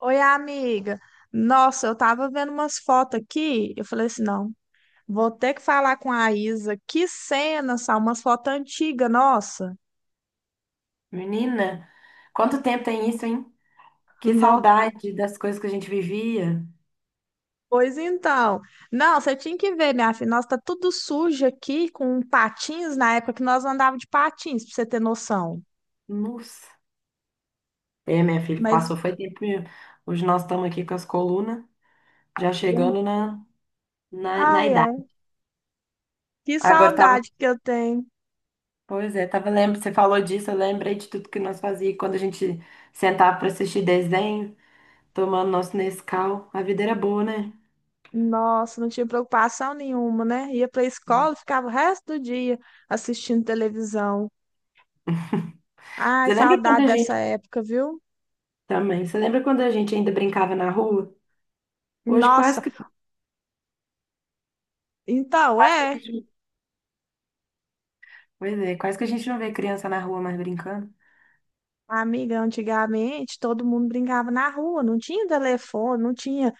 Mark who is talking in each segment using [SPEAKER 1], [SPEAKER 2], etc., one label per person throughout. [SPEAKER 1] Oi, amiga. Nossa, eu tava vendo umas fotos aqui. Eu falei assim: não, vou ter que falar com a Isa. Que cena, só umas fotos antigas, nossa.
[SPEAKER 2] Menina, quanto tempo tem isso, hein? Que
[SPEAKER 1] Nó.
[SPEAKER 2] saudade das coisas que a gente vivia.
[SPEAKER 1] Pois então. Não, você tinha que ver, minha filha. Nossa, tá tudo sujo aqui, com patins na época que nós andávamos de patins, pra você ter noção.
[SPEAKER 2] Nossa. É, minha filha,
[SPEAKER 1] Mas,
[SPEAKER 2] passou, foi tempo mesmo. Hoje nós estamos aqui com as colunas, já chegando na
[SPEAKER 1] ai,
[SPEAKER 2] idade.
[SPEAKER 1] ai, que
[SPEAKER 2] Agora tava,
[SPEAKER 1] saudade que eu tenho.
[SPEAKER 2] pois é, tava lembrando, você falou disso, eu lembrei de tudo que nós fazíamos quando a gente sentava para assistir desenho, tomando nosso Nescau. A vida era boa, né?
[SPEAKER 1] Nossa, não tinha preocupação nenhuma, né? Ia pra escola, ficava o resto do dia assistindo televisão. Ai,
[SPEAKER 2] Você lembra quando
[SPEAKER 1] saudade
[SPEAKER 2] a
[SPEAKER 1] dessa
[SPEAKER 2] gente
[SPEAKER 1] época, viu?
[SPEAKER 2] também? Você lembra quando a gente ainda brincava na rua? Hoje
[SPEAKER 1] Nossa, então
[SPEAKER 2] quase que a
[SPEAKER 1] é,
[SPEAKER 2] gente Pois é, quase que a gente não vê criança na rua mais brincando.
[SPEAKER 1] amiga, antigamente todo mundo brincava na rua, não tinha telefone, não tinha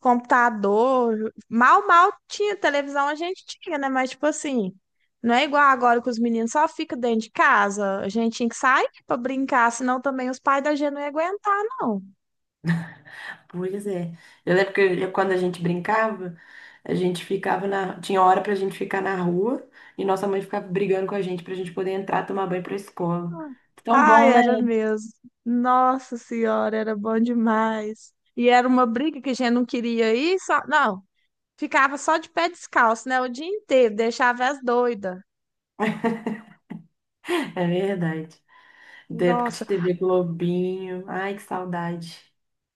[SPEAKER 1] computador, mal tinha televisão, a gente tinha, né? Mas tipo assim, não é igual agora que os meninos só ficam dentro de casa, a gente tinha que sair pra brincar, senão também os pais da gente não iam aguentar, não.
[SPEAKER 2] Pois é. Eu lembro que quando a gente brincava, a gente ficava na. Tinha hora pra gente ficar na rua e nossa mãe ficava brigando com a gente pra gente poder entrar, tomar banho pra escola. Tão
[SPEAKER 1] Ai,
[SPEAKER 2] bom, né?
[SPEAKER 1] era mesmo. Nossa Senhora, era bom demais. E era uma briga que a gente não queria ir, só... Não, ficava só de pé descalço, né? O dia inteiro, deixava as doidas.
[SPEAKER 2] É verdade. Da época de
[SPEAKER 1] Nossa,
[SPEAKER 2] TV Globinho. Ai, que saudade.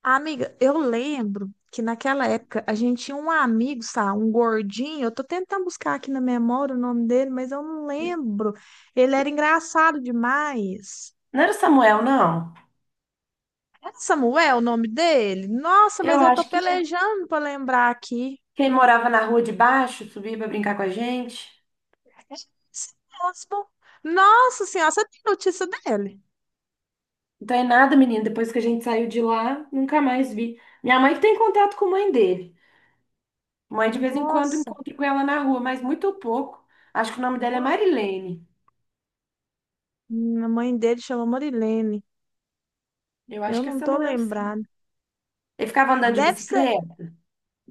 [SPEAKER 1] amiga, eu lembro que naquela época a gente tinha um amigo, sabe? Um gordinho. Eu tô tentando buscar aqui na memória o nome dele, mas eu não lembro. Ele era engraçado demais.
[SPEAKER 2] Não era o Samuel, não.
[SPEAKER 1] É Samuel o nome dele? Nossa,
[SPEAKER 2] Eu
[SPEAKER 1] mas eu tô
[SPEAKER 2] acho que é.
[SPEAKER 1] pelejando pra lembrar aqui.
[SPEAKER 2] Quem morava na rua de baixo subia pra brincar com a gente.
[SPEAKER 1] É esse mesmo. Nossa senhora, você tem notícia dele?
[SPEAKER 2] Então é nada, menino. Depois que a gente saiu de lá, nunca mais vi. Minha mãe que tem contato com a mãe dele. Mãe, de vez em quando
[SPEAKER 1] Nossa.
[SPEAKER 2] encontro com ela na rua, mas muito pouco. Acho que o nome dela é
[SPEAKER 1] Nossa.
[SPEAKER 2] Marilene.
[SPEAKER 1] A mãe dele chama Marilene.
[SPEAKER 2] Eu
[SPEAKER 1] Eu
[SPEAKER 2] acho que é
[SPEAKER 1] não tô
[SPEAKER 2] Samuel, sim.
[SPEAKER 1] lembrada.
[SPEAKER 2] Ele ficava andando de
[SPEAKER 1] Deve ser.
[SPEAKER 2] bicicleta?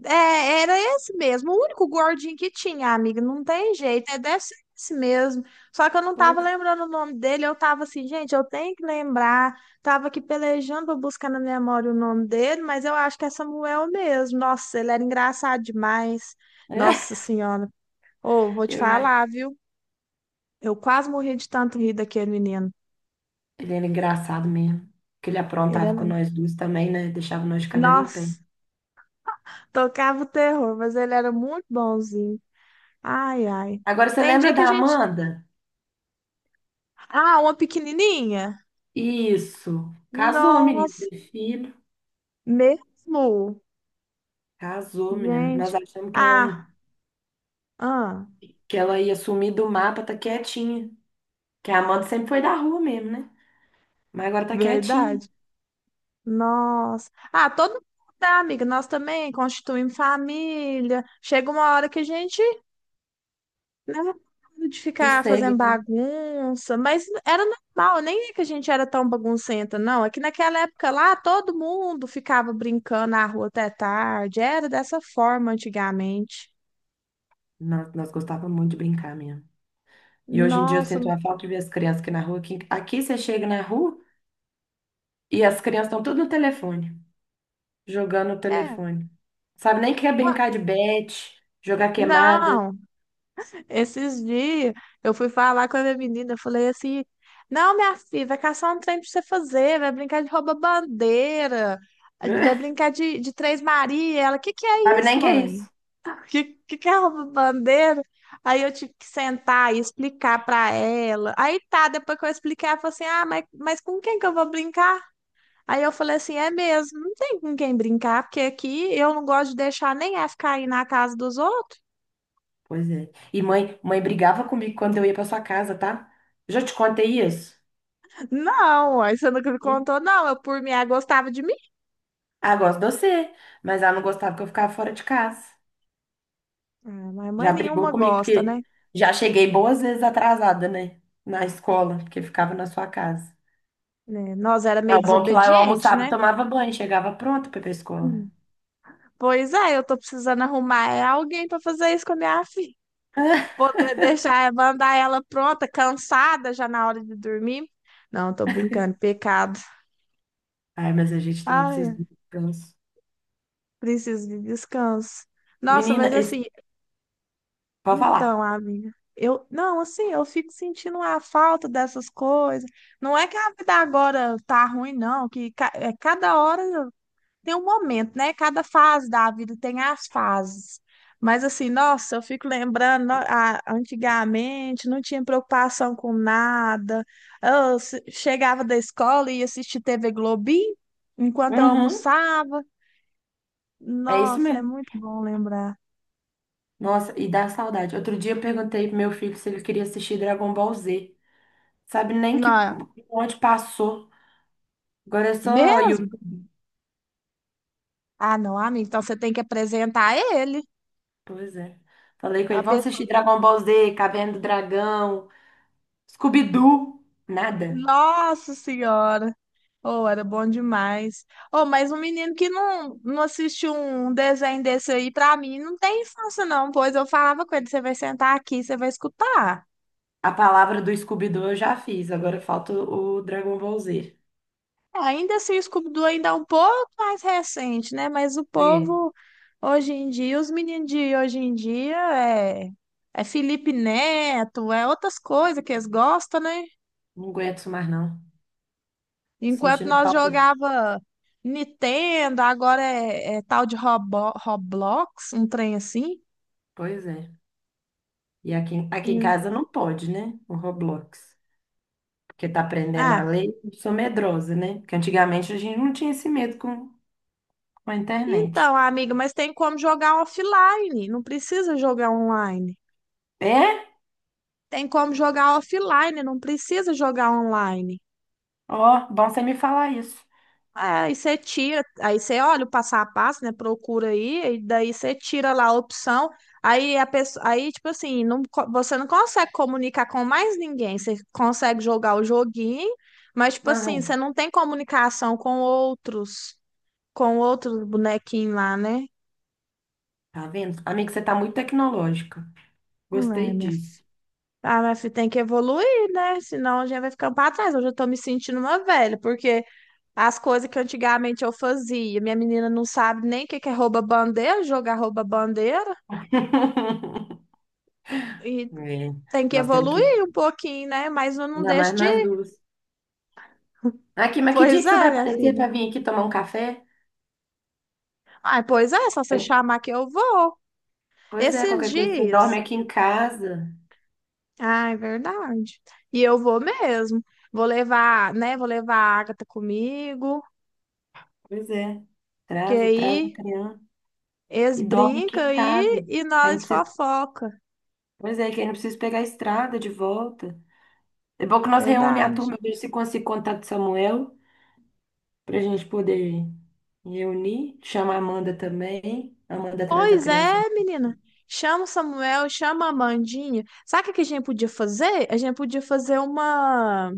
[SPEAKER 1] É, era esse mesmo. O único gordinho que tinha, amiga. Não tem jeito. É, deve ser esse mesmo. Só que eu não tava
[SPEAKER 2] Pois.
[SPEAKER 1] lembrando o nome dele. Eu tava assim, gente, eu tenho que lembrar. Tava aqui pelejando pra buscar na memória o nome dele, mas eu acho que é Samuel mesmo. Nossa, ele era engraçado demais. Nossa Senhora. Ô, vou te
[SPEAKER 2] Eu, ai,
[SPEAKER 1] falar, viu? Eu quase morri de tanto rir daquele menino.
[SPEAKER 2] ele era engraçado mesmo. Que ele
[SPEAKER 1] Ele
[SPEAKER 2] aprontava com
[SPEAKER 1] era.
[SPEAKER 2] nós duas também, né? Deixava nós de cabelo em pé.
[SPEAKER 1] Nossa, tocava o terror, mas ele era muito bonzinho. Ai, ai.
[SPEAKER 2] Agora, você
[SPEAKER 1] Tem dia
[SPEAKER 2] lembra
[SPEAKER 1] que a
[SPEAKER 2] da
[SPEAKER 1] gente.
[SPEAKER 2] Amanda?
[SPEAKER 1] Ah, uma pequenininha?
[SPEAKER 2] Isso. Casou, menino.
[SPEAKER 1] Nossa,
[SPEAKER 2] Teve filho.
[SPEAKER 1] mesmo?
[SPEAKER 2] Casou, menino. Nós
[SPEAKER 1] Gente.
[SPEAKER 2] achamos
[SPEAKER 1] Ah, ah,
[SPEAKER 2] que ela ia sumir do mapa, tá quietinha. Que a Amanda sempre foi da rua mesmo, né? Mas agora tá quietinha.
[SPEAKER 1] verdade. Nossa. Ah, todo mundo, tá, amiga? Nós também constituímos família. Chega uma hora que a gente, né, de ficar fazendo
[SPEAKER 2] Sossega.
[SPEAKER 1] bagunça, mas era normal, nem é que a gente era tão baguncenta, não. É que naquela época lá, todo mundo ficava brincando na rua até tarde. Era dessa forma antigamente.
[SPEAKER 2] Nós gostávamos muito de brincar mesmo. E hoje em dia eu
[SPEAKER 1] Nossa,
[SPEAKER 2] sinto uma falta de ver as crianças aqui na rua. Aqui, aqui você chega na rua e as crianças estão tudo no telefone, jogando no
[SPEAKER 1] é.
[SPEAKER 2] telefone. Sabe nem que é
[SPEAKER 1] Ué,
[SPEAKER 2] brincar de bete, jogar queimada.
[SPEAKER 1] não, esses dias eu fui falar com a minha menina, eu falei assim: não, minha filha, vai caçar um trem pra você fazer, vai brincar de rouba-bandeira, vai brincar de, Três Maria. Ela, o que que é
[SPEAKER 2] Sabe
[SPEAKER 1] isso,
[SPEAKER 2] nem que é
[SPEAKER 1] mãe?
[SPEAKER 2] isso.
[SPEAKER 1] Que, que é rouba-bandeira? Aí eu tive que sentar e explicar pra ela. Aí tá, depois que eu expliquei, ela falou assim: ah, mas com quem que eu vou brincar? Aí eu falei assim, é mesmo, não tem com quem brincar, porque aqui eu não gosto de deixar nem F cair na casa dos outros.
[SPEAKER 2] Pois é. E mãe brigava comigo quando eu ia pra sua casa, tá? Já te contei isso?
[SPEAKER 1] Não, aí você nunca me
[SPEAKER 2] E-
[SPEAKER 1] contou, não, eu por mim, ela gostava de mim.
[SPEAKER 2] Ah, gosto de você, mas ela não gostava que eu ficava fora de casa.
[SPEAKER 1] Ah, mas mãe
[SPEAKER 2] Já brigou
[SPEAKER 1] nenhuma
[SPEAKER 2] comigo,
[SPEAKER 1] gosta,
[SPEAKER 2] porque
[SPEAKER 1] né?
[SPEAKER 2] já cheguei boas vezes atrasada, né? Na escola, porque ficava na sua casa.
[SPEAKER 1] Né, nós era
[SPEAKER 2] É
[SPEAKER 1] meio
[SPEAKER 2] o bom que lá eu
[SPEAKER 1] desobediente,
[SPEAKER 2] almoçava e
[SPEAKER 1] né?
[SPEAKER 2] tomava banho, chegava pronto para ir pra escola.
[SPEAKER 1] Hum. Pois é, eu tô precisando arrumar é alguém pra fazer isso com a minha filha. Poder deixar, mandar ela pronta, cansada já na hora de dormir. Não, tô brincando, pecado.
[SPEAKER 2] Ai, mas a gente também precisa
[SPEAKER 1] Ai,
[SPEAKER 2] do descanso.
[SPEAKER 1] preciso de descanso. Nossa,
[SPEAKER 2] Menina,
[SPEAKER 1] mas assim,
[SPEAKER 2] esse... pode
[SPEAKER 1] então,
[SPEAKER 2] falar.
[SPEAKER 1] amiga, eu não, assim, eu fico sentindo a falta dessas coisas. Não é que a vida agora tá ruim, não, que ca- é, cada hora tem um momento, né? Cada fase da vida tem as fases. Mas assim, nossa, eu fico lembrando, no- a- antigamente não tinha preocupação com nada. Eu se- chegava da escola e ia assistir TV Globinho enquanto eu
[SPEAKER 2] Uhum,
[SPEAKER 1] almoçava.
[SPEAKER 2] é isso
[SPEAKER 1] Nossa, é
[SPEAKER 2] mesmo.
[SPEAKER 1] muito bom lembrar.
[SPEAKER 2] Nossa, e dá saudade. Outro dia eu perguntei pro meu filho se ele queria assistir Dragon Ball Z. Sabe nem
[SPEAKER 1] Não,
[SPEAKER 2] que
[SPEAKER 1] é
[SPEAKER 2] onde passou. Agora é só
[SPEAKER 1] mesmo?
[SPEAKER 2] YouTube.
[SPEAKER 1] Ah, não, amigo. Então você tem que apresentar ele.
[SPEAKER 2] Pois é. Falei com
[SPEAKER 1] É
[SPEAKER 2] ele,
[SPEAKER 1] uma
[SPEAKER 2] vamos
[SPEAKER 1] pessoa.
[SPEAKER 2] assistir Dragon Ball Z, Caverna do Dragão, Scooby-Doo. Nada.
[SPEAKER 1] Nossa Senhora! Oh, era bom demais. Oh, mas um menino que não, não assiste um desenho desse aí, pra mim, não tem infância, não. Pois eu falava com ele: você vai sentar aqui, você vai escutar.
[SPEAKER 2] A palavra do Scooby-Doo eu já fiz, agora falta o Dragon Ball Z.
[SPEAKER 1] Ainda assim, o Scooby-Doo ainda é um pouco mais recente, né? Mas o
[SPEAKER 2] É,
[SPEAKER 1] povo, hoje em dia, os meninos de hoje em dia, é, é Felipe Neto, é outras coisas que eles gostam, né?
[SPEAKER 2] não aguento isso mais não.
[SPEAKER 1] Enquanto
[SPEAKER 2] Sentindo
[SPEAKER 1] nós
[SPEAKER 2] falta.
[SPEAKER 1] jogava Nintendo, agora é, é tal de Robo- Roblox, um trem assim.
[SPEAKER 2] Pois é. E aqui, aqui em
[SPEAKER 1] Hum.
[SPEAKER 2] casa não pode, né? O Roblox. Porque tá aprendendo a
[SPEAKER 1] Ah,
[SPEAKER 2] lei. Eu sou medrosa, né? Porque antigamente a gente não tinha esse medo com a
[SPEAKER 1] então,
[SPEAKER 2] internet.
[SPEAKER 1] amiga, mas tem como jogar offline, não precisa jogar online.
[SPEAKER 2] É?
[SPEAKER 1] Tem como jogar offline, não precisa jogar online.
[SPEAKER 2] Ó, bom você me falar isso.
[SPEAKER 1] Aí você tira, aí você olha o passo a passo, né? Procura aí, e daí você tira lá a opção. Aí a pessoa, aí tipo assim, não, co- você não consegue comunicar com mais ninguém. Você consegue jogar o joguinho, mas tipo assim, você
[SPEAKER 2] Aham.
[SPEAKER 1] não tem comunicação com outros bonequinhos lá, né?
[SPEAKER 2] Tá vendo? Amiga, você tá muito tecnológica.
[SPEAKER 1] Ai,
[SPEAKER 2] Gostei
[SPEAKER 1] minha filha.
[SPEAKER 2] disso.
[SPEAKER 1] Ah, mas fi- tem que evoluir, né? Senão a gente vai ficando pra trás. Hoje eu tô me sentindo uma velha, porque as coisas que antigamente eu fazia. Minha menina não sabe nem o que que é rouba-bandeira, jogar rouba-bandeira. E
[SPEAKER 2] É,
[SPEAKER 1] tem que
[SPEAKER 2] nós temos que.
[SPEAKER 1] evoluir um pouquinho, né? Mas eu não
[SPEAKER 2] Ainda mais
[SPEAKER 1] deixo de
[SPEAKER 2] nós
[SPEAKER 1] ir.
[SPEAKER 2] duas. Aqui, mas que dia
[SPEAKER 1] Pois
[SPEAKER 2] que você vai
[SPEAKER 1] é, minha
[SPEAKER 2] aparecer
[SPEAKER 1] filha.
[SPEAKER 2] pra vir aqui tomar um café?
[SPEAKER 1] Ai, pois é, só você
[SPEAKER 2] É,
[SPEAKER 1] chamar que eu vou.
[SPEAKER 2] pois é,
[SPEAKER 1] Esses
[SPEAKER 2] qualquer coisa você
[SPEAKER 1] dias.
[SPEAKER 2] dorme aqui em casa.
[SPEAKER 1] Ah, é verdade. E eu vou mesmo. Vou levar, né? Vou levar a Agatha comigo.
[SPEAKER 2] Pois é.
[SPEAKER 1] Que
[SPEAKER 2] Traz, traz a
[SPEAKER 1] aí
[SPEAKER 2] criança
[SPEAKER 1] eles
[SPEAKER 2] e dorme aqui
[SPEAKER 1] brincam
[SPEAKER 2] em casa.
[SPEAKER 1] aí e
[SPEAKER 2] Que aí não
[SPEAKER 1] nós
[SPEAKER 2] precisa,
[SPEAKER 1] fofoca.
[SPEAKER 2] pois é, que aí não precisa pegar a estrada de volta. É bom que nós reúne a
[SPEAKER 1] Verdade.
[SPEAKER 2] turma, eu vejo se consigo contar do Samuel, pra gente poder reunir. Chama a Amanda também. A Amanda traz a
[SPEAKER 1] Pois
[SPEAKER 2] criança.
[SPEAKER 1] é, menina. Chama o Samuel, chama a Amandinha. Sabe o que a gente podia fazer? A gente podia fazer uma.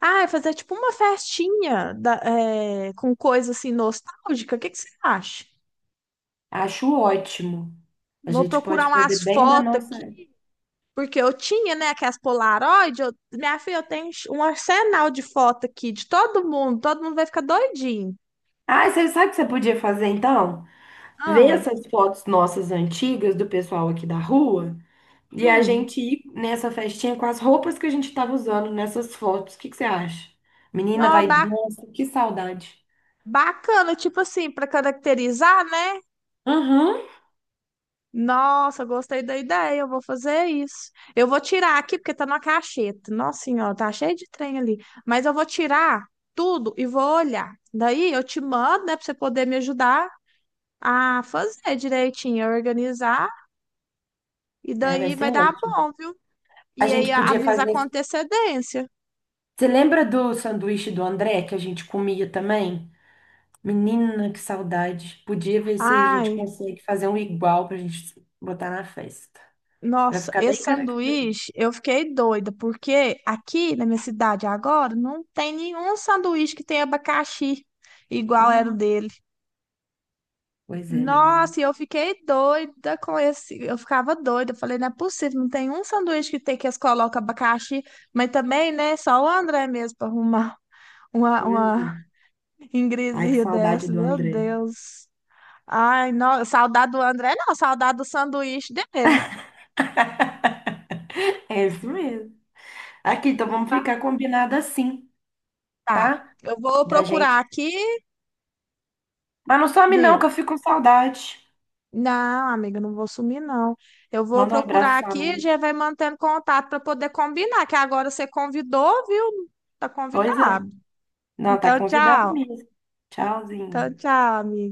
[SPEAKER 1] Ah, fazer tipo uma festinha da- é, com coisa assim nostálgica. O que que você acha?
[SPEAKER 2] Acho ótimo. A
[SPEAKER 1] Vou
[SPEAKER 2] gente
[SPEAKER 1] procurar
[SPEAKER 2] pode fazer
[SPEAKER 1] umas
[SPEAKER 2] bem da
[SPEAKER 1] fotos
[SPEAKER 2] nossa.
[SPEAKER 1] aqui, porque eu tinha, né, aquelas Polaroid. Eu... Minha filha, eu tenho um arsenal de foto aqui de todo mundo. Todo mundo vai ficar doidinho.
[SPEAKER 2] Ah, você sabe o que você podia fazer então? Ver
[SPEAKER 1] Ah,
[SPEAKER 2] essas fotos nossas antigas do pessoal aqui da rua e a
[SPEAKER 1] hum.
[SPEAKER 2] gente ir nessa festinha com as roupas que a gente tava usando nessas fotos. O que que você acha? Menina,
[SPEAKER 1] Ó,
[SPEAKER 2] vai.
[SPEAKER 1] ba-
[SPEAKER 2] Nossa, que saudade.
[SPEAKER 1] bacana, tipo assim, para caracterizar, né?
[SPEAKER 2] Uhum.
[SPEAKER 1] Nossa, gostei da ideia, eu vou fazer isso. Eu vou tirar aqui, porque tá na cacheta. Nossa senhora, tá cheio de trem ali. Mas eu vou tirar tudo e vou olhar. Daí eu te mando, né, pra você poder me ajudar a fazer direitinho, a organizar. E
[SPEAKER 2] É, vai
[SPEAKER 1] daí
[SPEAKER 2] ser
[SPEAKER 1] vai dar
[SPEAKER 2] ótimo.
[SPEAKER 1] bom, viu?
[SPEAKER 2] A
[SPEAKER 1] E aí
[SPEAKER 2] gente
[SPEAKER 1] a-
[SPEAKER 2] podia
[SPEAKER 1] avisa
[SPEAKER 2] fazer.
[SPEAKER 1] com antecedência.
[SPEAKER 2] Você lembra do sanduíche do André que a gente comia também? Menina, que saudade. Podia ver se a gente
[SPEAKER 1] Ai,
[SPEAKER 2] consegue fazer um igual pra gente botar na festa. Pra
[SPEAKER 1] nossa,
[SPEAKER 2] ficar bem
[SPEAKER 1] esse
[SPEAKER 2] característico.
[SPEAKER 1] sanduíche, eu fiquei doida, porque aqui na minha cidade agora não tem nenhum sanduíche que tenha abacaxi igual era o
[SPEAKER 2] Hum,
[SPEAKER 1] dele.
[SPEAKER 2] pois é, menina.
[SPEAKER 1] Nossa, e eu fiquei doida com esse. Eu ficava doida. Eu falei, não é possível, não tem um sanduíche que tem que eles colocam abacaxi, mas também, né? Só o André mesmo para arrumar
[SPEAKER 2] Pois é.
[SPEAKER 1] uma
[SPEAKER 2] Ai, que
[SPEAKER 1] ingresia
[SPEAKER 2] saudade
[SPEAKER 1] dessa.
[SPEAKER 2] do
[SPEAKER 1] Meu
[SPEAKER 2] André.
[SPEAKER 1] Deus. Ai, não, saudade do André, não, saudade do sanduíche dele.
[SPEAKER 2] É isso mesmo. Aqui, então vamos ficar combinado assim,
[SPEAKER 1] Tá,
[SPEAKER 2] tá?
[SPEAKER 1] eu vou
[SPEAKER 2] Da
[SPEAKER 1] procurar
[SPEAKER 2] gente.
[SPEAKER 1] aqui,
[SPEAKER 2] Mas não some não, que
[SPEAKER 1] viu?
[SPEAKER 2] eu fico com saudade.
[SPEAKER 1] Não, amiga, não vou sumir, não. Eu vou
[SPEAKER 2] Manda um abraço
[SPEAKER 1] procurar
[SPEAKER 2] pra sua
[SPEAKER 1] aqui e
[SPEAKER 2] mãe.
[SPEAKER 1] já vai mantendo contato para poder combinar, que agora você convidou, viu? Tá
[SPEAKER 2] Pois é.
[SPEAKER 1] convidado.
[SPEAKER 2] Não, tá
[SPEAKER 1] Então,
[SPEAKER 2] convidado
[SPEAKER 1] tchau.
[SPEAKER 2] mesmo.
[SPEAKER 1] Então,
[SPEAKER 2] Tchauzinho.
[SPEAKER 1] tchau, amigo.